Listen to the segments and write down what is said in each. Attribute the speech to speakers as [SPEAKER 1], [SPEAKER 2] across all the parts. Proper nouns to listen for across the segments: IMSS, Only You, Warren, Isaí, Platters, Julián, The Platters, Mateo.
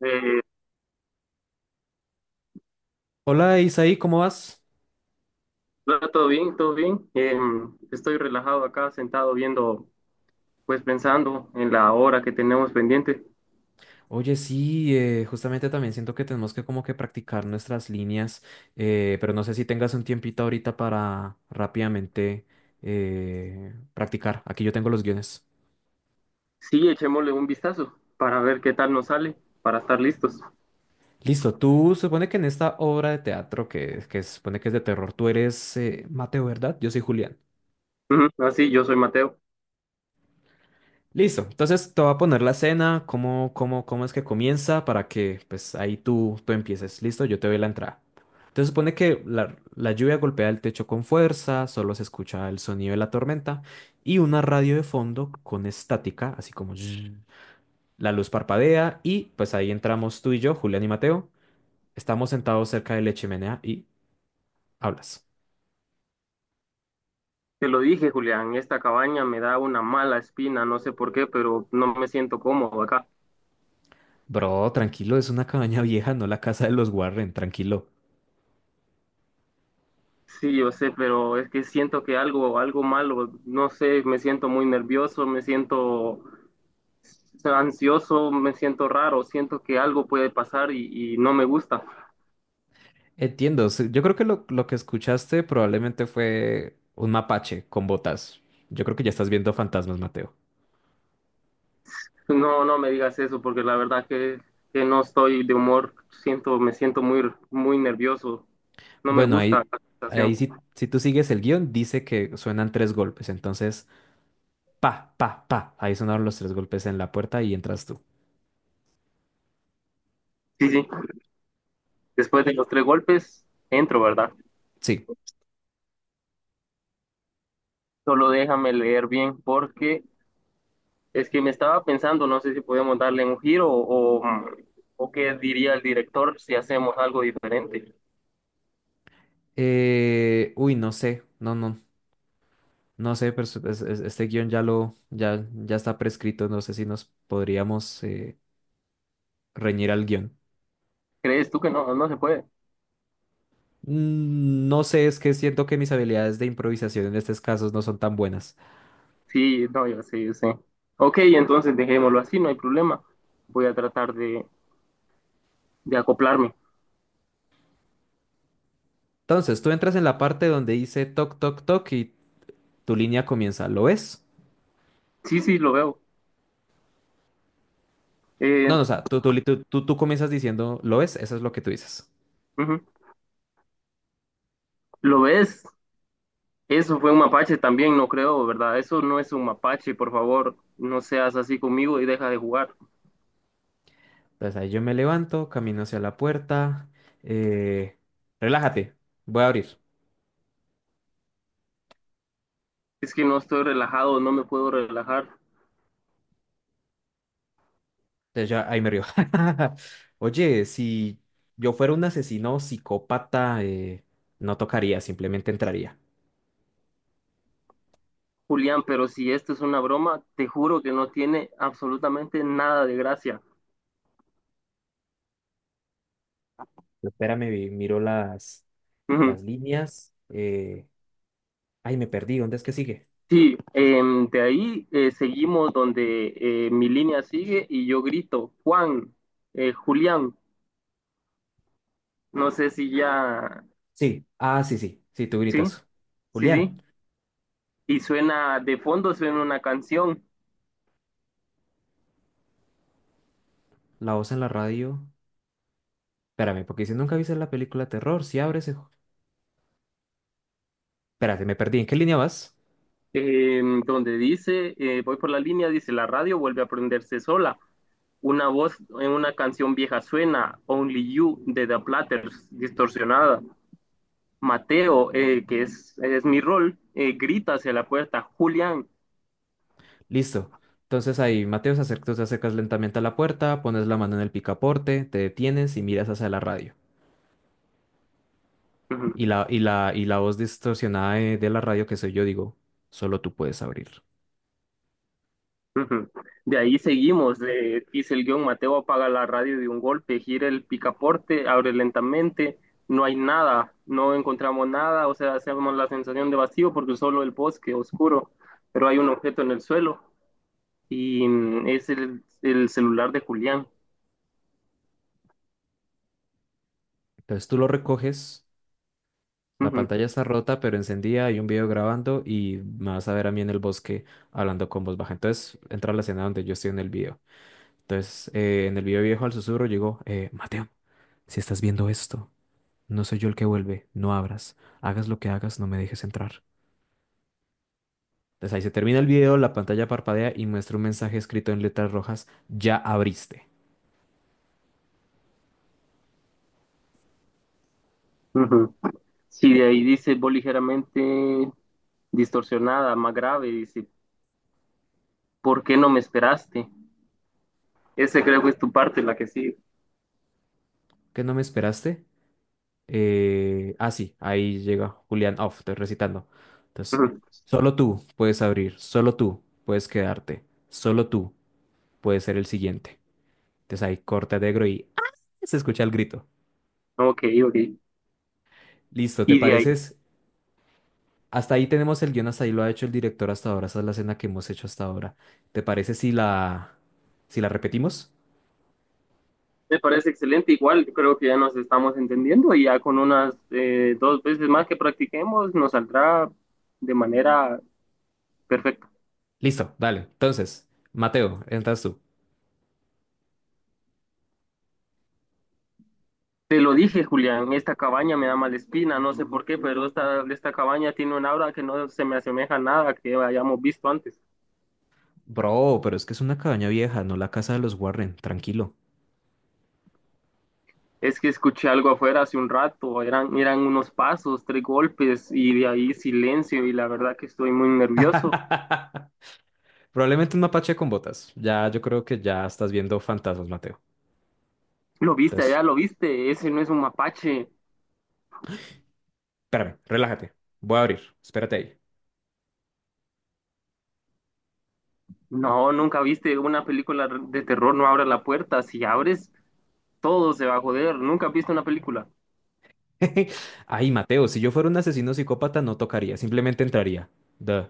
[SPEAKER 1] Eh,
[SPEAKER 2] Hola Isaí, ¿cómo vas?
[SPEAKER 1] no, todo bien, todo bien. Estoy relajado acá, sentado viendo, pues pensando en la hora que tenemos pendiente.
[SPEAKER 2] Oye, sí, justamente también siento que tenemos que como que practicar nuestras líneas, pero no sé si tengas un tiempito ahorita para rápidamente practicar. Aquí yo tengo los guiones.
[SPEAKER 1] Sí, echémosle un vistazo para ver qué tal nos sale, para estar listos.
[SPEAKER 2] Listo, tú supone que en esta obra de teatro que supone que es de terror, tú eres Mateo, ¿verdad? Yo soy Julián.
[SPEAKER 1] Ujú. Así, yo soy Mateo.
[SPEAKER 2] Listo, entonces te voy a poner la escena, cómo es que comienza para que pues ahí tú empieces. Listo, yo te doy la entrada. Entonces supone que la lluvia golpea el techo con fuerza, solo se escucha el sonido de la tormenta y una radio de fondo con estática, así como zzzz. La luz parpadea y pues ahí entramos tú y yo, Julián y Mateo. Estamos sentados cerca de la chimenea y hablas.
[SPEAKER 1] Te lo dije, Julián, esta cabaña me da una mala espina, no sé por qué, pero no me siento cómodo acá.
[SPEAKER 2] Bro, tranquilo, es una cabaña vieja, no la casa de los Warren, tranquilo.
[SPEAKER 1] Sí, yo sé, pero es que siento que algo, algo malo, no sé, me siento muy nervioso, me siento ansioso, me siento raro, siento que algo puede pasar y no me gusta.
[SPEAKER 2] Entiendo, sí, yo creo que lo que escuchaste probablemente fue un mapache con botas. Yo creo que ya estás viendo fantasmas, Mateo.
[SPEAKER 1] No, no me digas eso porque la verdad que no estoy de humor, siento, me siento muy, muy nervioso, no me
[SPEAKER 2] Bueno,
[SPEAKER 1] gusta
[SPEAKER 2] ahí,
[SPEAKER 1] la
[SPEAKER 2] ahí
[SPEAKER 1] situación.
[SPEAKER 2] si tú sigues el guión, dice que suenan tres golpes, entonces, pa, pa, pa, ahí sonaron los tres golpes en la puerta y entras tú.
[SPEAKER 1] Sí, sí, después de los tres golpes entro, ¿verdad?
[SPEAKER 2] Sí.
[SPEAKER 1] Solo déjame leer bien porque es que me estaba pensando, no sé si podemos darle un giro o qué diría el director si hacemos algo diferente.
[SPEAKER 2] No sé, no sé, pero este guión ya lo, ya está prescrito, no sé si nos podríamos reñir al guión.
[SPEAKER 1] ¿Crees tú que no, no se puede?
[SPEAKER 2] No sé, es que siento que mis habilidades de improvisación en estos casos no son tan buenas.
[SPEAKER 1] Sí, no, yo sé, yo sé. Ok, entonces dejémoslo así, no hay problema. Voy a tratar de acoplarme.
[SPEAKER 2] Entonces, tú entras en la parte donde dice toc, toc, toc y tu línea comienza, ¿lo ves?
[SPEAKER 1] Sí, sí, lo veo. Eh,
[SPEAKER 2] No, no, o sea, tú comienzas diciendo, ¿lo ves? Eso es lo que tú dices.
[SPEAKER 1] ujú. ¿Lo ves? Eso fue un mapache también, no creo, ¿verdad? Eso no es un mapache, por favor, no seas así conmigo y deja de jugar.
[SPEAKER 2] Entonces ahí yo me levanto, camino hacia la puerta, eh, relájate, voy a abrir.
[SPEAKER 1] Es que no estoy relajado, no me puedo relajar.
[SPEAKER 2] Entonces ya ahí me río. Oye, si yo fuera un asesino psicópata, no tocaría, simplemente entraría.
[SPEAKER 1] Julián, pero si esto es una broma, te juro que no tiene absolutamente nada de gracia.
[SPEAKER 2] Espérame, miro Las líneas. Ay, me perdí. ¿Dónde es que sigue?
[SPEAKER 1] Sí, de ahí seguimos donde mi línea sigue y yo grito, Juan, Julián, no sé si ya,
[SPEAKER 2] Sí. Ah, sí, sí. Sí, tú
[SPEAKER 1] sí,
[SPEAKER 2] gritas.
[SPEAKER 1] sí,
[SPEAKER 2] Julián,
[SPEAKER 1] sí, y suena, de fondo suena una canción
[SPEAKER 2] la voz en la radio. Espérame, porque si nunca viste la película terror, si abres. Espérate, me perdí. ¿En qué línea vas?
[SPEAKER 1] donde dice, voy por la línea, dice, la radio vuelve a prenderse sola, una voz en una canción vieja suena, Only You de The Platters, distorsionada. Mateo, que es mi rol, grita hacia la puerta, Julián.
[SPEAKER 2] Listo. Entonces ahí, Mateo, tú te acercas lentamente a la puerta, pones la mano en el picaporte, te detienes y miras hacia la radio. Y la voz distorsionada de la radio que soy yo, digo, solo tú puedes abrir.
[SPEAKER 1] Ujú. De ahí seguimos, dice el guión, Mateo apaga la radio de un golpe, gira el picaporte, abre lentamente, no hay nada, no encontramos nada, o sea, hacemos la sensación de vacío porque solo el bosque oscuro, pero hay un objeto en el suelo y es el celular de Julián.
[SPEAKER 2] Entonces tú lo recoges. La
[SPEAKER 1] Ujú,
[SPEAKER 2] pantalla está rota, pero encendida, hay un video grabando y me vas a ver a mí en el bosque hablando con voz baja. Entonces entra a la escena donde yo estoy en el video. Entonces en el video viejo al susurro llegó, Mateo, si estás viendo esto, no soy yo el que vuelve, no abras, hagas lo que hagas, no me dejes entrar. Entonces ahí se termina el video, la pantalla parpadea y muestra un mensaje escrito en letras rojas, ya abriste.
[SPEAKER 1] ujú. Sí, de ahí dice, voz ligeramente distorsionada, más grave, dice, ¿por qué no me esperaste? Ese creo que es tu parte, la que sí.
[SPEAKER 2] ¿Qué no me esperaste? Sí, ahí llega Julián Off, estoy recitando. Entonces,
[SPEAKER 1] Ujú.
[SPEAKER 2] solo tú puedes abrir, solo tú puedes quedarte, solo tú puedes ser el siguiente. Entonces ahí corta negro y ¡ah! Se escucha el grito.
[SPEAKER 1] Ok, ok.
[SPEAKER 2] Listo, ¿te
[SPEAKER 1] Y de ahí.
[SPEAKER 2] pareces? Hasta ahí tenemos el guión, hasta ahí lo ha hecho el director hasta ahora. Esa es la escena que hemos hecho hasta ahora. ¿Te parece si si la repetimos?
[SPEAKER 1] Me parece excelente, igual yo creo que ya nos estamos entendiendo y ya con unas dos veces más que practiquemos nos saldrá de manera perfecta.
[SPEAKER 2] Listo, dale. Entonces, Mateo, entras tú.
[SPEAKER 1] Te lo dije, Julián, esta cabaña me da mala espina, no sé por qué, pero esta cabaña tiene un aura que no se me asemeja a nada que hayamos visto antes.
[SPEAKER 2] Bro, pero es que es una cabaña vieja, no la casa de los Warren, tranquilo.
[SPEAKER 1] Es que escuché algo afuera hace un rato, eran unos pasos, tres golpes y de ahí silencio y la verdad que estoy muy nervioso.
[SPEAKER 2] Probablemente un mapache con botas. Ya, yo creo que ya estás viendo fantasmas, Mateo.
[SPEAKER 1] Lo viste
[SPEAKER 2] Entonces,
[SPEAKER 1] allá, lo viste, ese no es un mapache.
[SPEAKER 2] espérame, relájate. Voy a abrir. Espérate
[SPEAKER 1] No, nunca viste una película de terror, no abras la puerta. Si abres, todo se va a joder. Nunca has visto una película.
[SPEAKER 2] ahí. Ay, Mateo, si yo fuera un asesino psicópata no tocaría, simplemente entraría. Duh.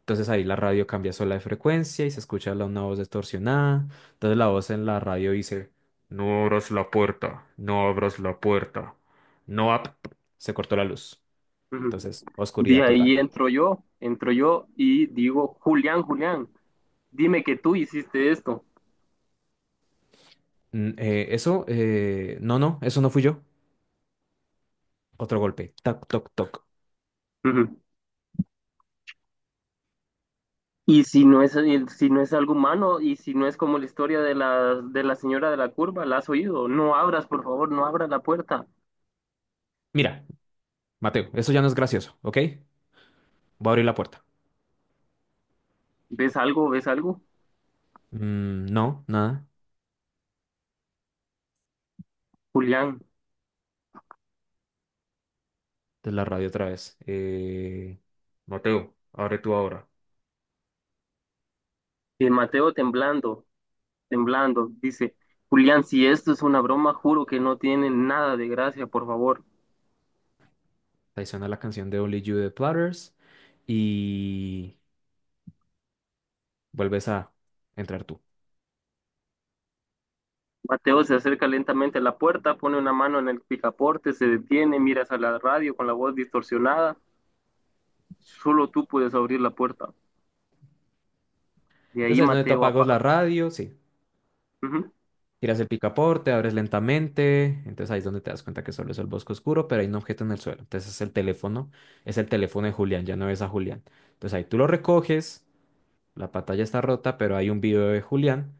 [SPEAKER 2] Entonces ahí la radio cambia sola de frecuencia y se escucha una voz distorsionada. Entonces la voz en la radio dice, no abras la puerta, no abras la puerta. No ab-". Se cortó la luz.
[SPEAKER 1] Ujú.
[SPEAKER 2] Entonces,
[SPEAKER 1] De
[SPEAKER 2] oscuridad total.
[SPEAKER 1] ahí entro yo y digo, Julián, Julián, dime que tú hiciste esto.
[SPEAKER 2] Eso, no, no, eso no fui yo. Otro golpe. Tac, toc, toc.
[SPEAKER 1] Ujú. Y si no es, si no es algo humano y si no es como la historia de la señora de la curva, la has oído. No abras, por favor, no abras la puerta.
[SPEAKER 2] Mira, Mateo, eso ya no es gracioso, ¿ok? Voy a abrir la puerta.
[SPEAKER 1] ¿Ves algo? ¿Ves algo?
[SPEAKER 2] No, nada.
[SPEAKER 1] Julián,
[SPEAKER 2] De la radio otra vez. Mateo, abre tú ahora.
[SPEAKER 1] y Mateo temblando. Temblando. Dice, Julián, si esto es una broma, juro que no tiene nada de gracia, por favor.
[SPEAKER 2] Ahí suena la canción de Only You de Platters y vuelves a entrar tú.
[SPEAKER 1] Mateo se acerca lentamente a la puerta, pone una mano en el picaporte, se detiene, mira hacia la radio con la voz distorsionada. Solo tú puedes abrir la puerta. De
[SPEAKER 2] Entonces
[SPEAKER 1] ahí
[SPEAKER 2] ahí es donde tú
[SPEAKER 1] Mateo
[SPEAKER 2] apagas la
[SPEAKER 1] apaga.
[SPEAKER 2] radio, sí.
[SPEAKER 1] Ujú.
[SPEAKER 2] Tiras el picaporte, abres lentamente. Entonces ahí es donde te das cuenta que solo es el bosque oscuro, pero hay un objeto en el suelo. Entonces es el teléfono de Julián, ya no ves a Julián. Entonces ahí tú lo recoges, la pantalla está rota, pero hay un video de Julián.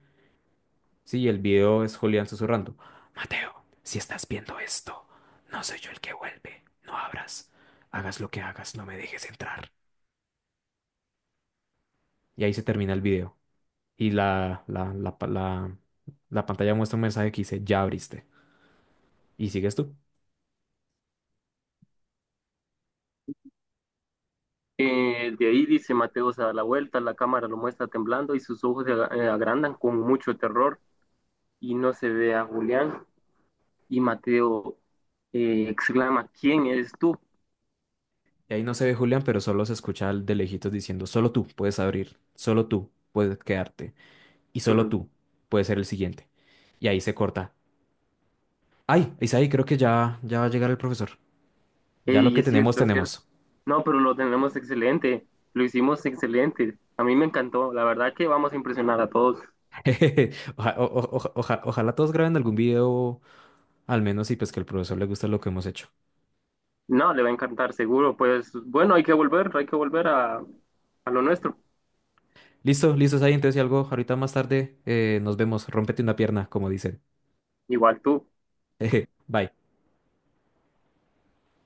[SPEAKER 2] Sí, el video es Julián susurrando. Mateo, si estás viendo esto, no soy yo el que vuelve. No abras. Hagas lo que hagas, no me dejes entrar. Y ahí se termina el video. Y la pantalla muestra un mensaje que dice, ya abriste. Y sigues tú.
[SPEAKER 1] De ahí dice Mateo se da la vuelta, la cámara lo muestra temblando y sus ojos se agrandan con mucho terror y no se ve a Julián. Y Mateo exclama, ¿quién eres tú?
[SPEAKER 2] Y ahí no se ve Julián, pero solo se escucha al de lejitos diciendo, solo tú puedes abrir, solo tú puedes quedarte. Y solo
[SPEAKER 1] Ujú.
[SPEAKER 2] tú puedes ser el siguiente. Y ahí se corta. Ay, Isaí, creo que ya va a llegar el profesor. Ya lo
[SPEAKER 1] Y
[SPEAKER 2] que
[SPEAKER 1] es
[SPEAKER 2] tenemos,
[SPEAKER 1] cierto, es cierto.
[SPEAKER 2] tenemos.
[SPEAKER 1] No, pero lo tenemos excelente, lo hicimos excelente. A mí me encantó, la verdad que vamos a impresionar a todos.
[SPEAKER 2] Ojalá todos graben algún video, al menos, y pues que el profesor le guste lo que hemos hecho.
[SPEAKER 1] No, le va a encantar, seguro. Pues bueno, hay que volver a lo nuestro.
[SPEAKER 2] Listo, listo, ahí entonces si algo, ahorita más tarde nos vemos, rómpete una pierna, como dicen.
[SPEAKER 1] Igual tú.
[SPEAKER 2] Bye.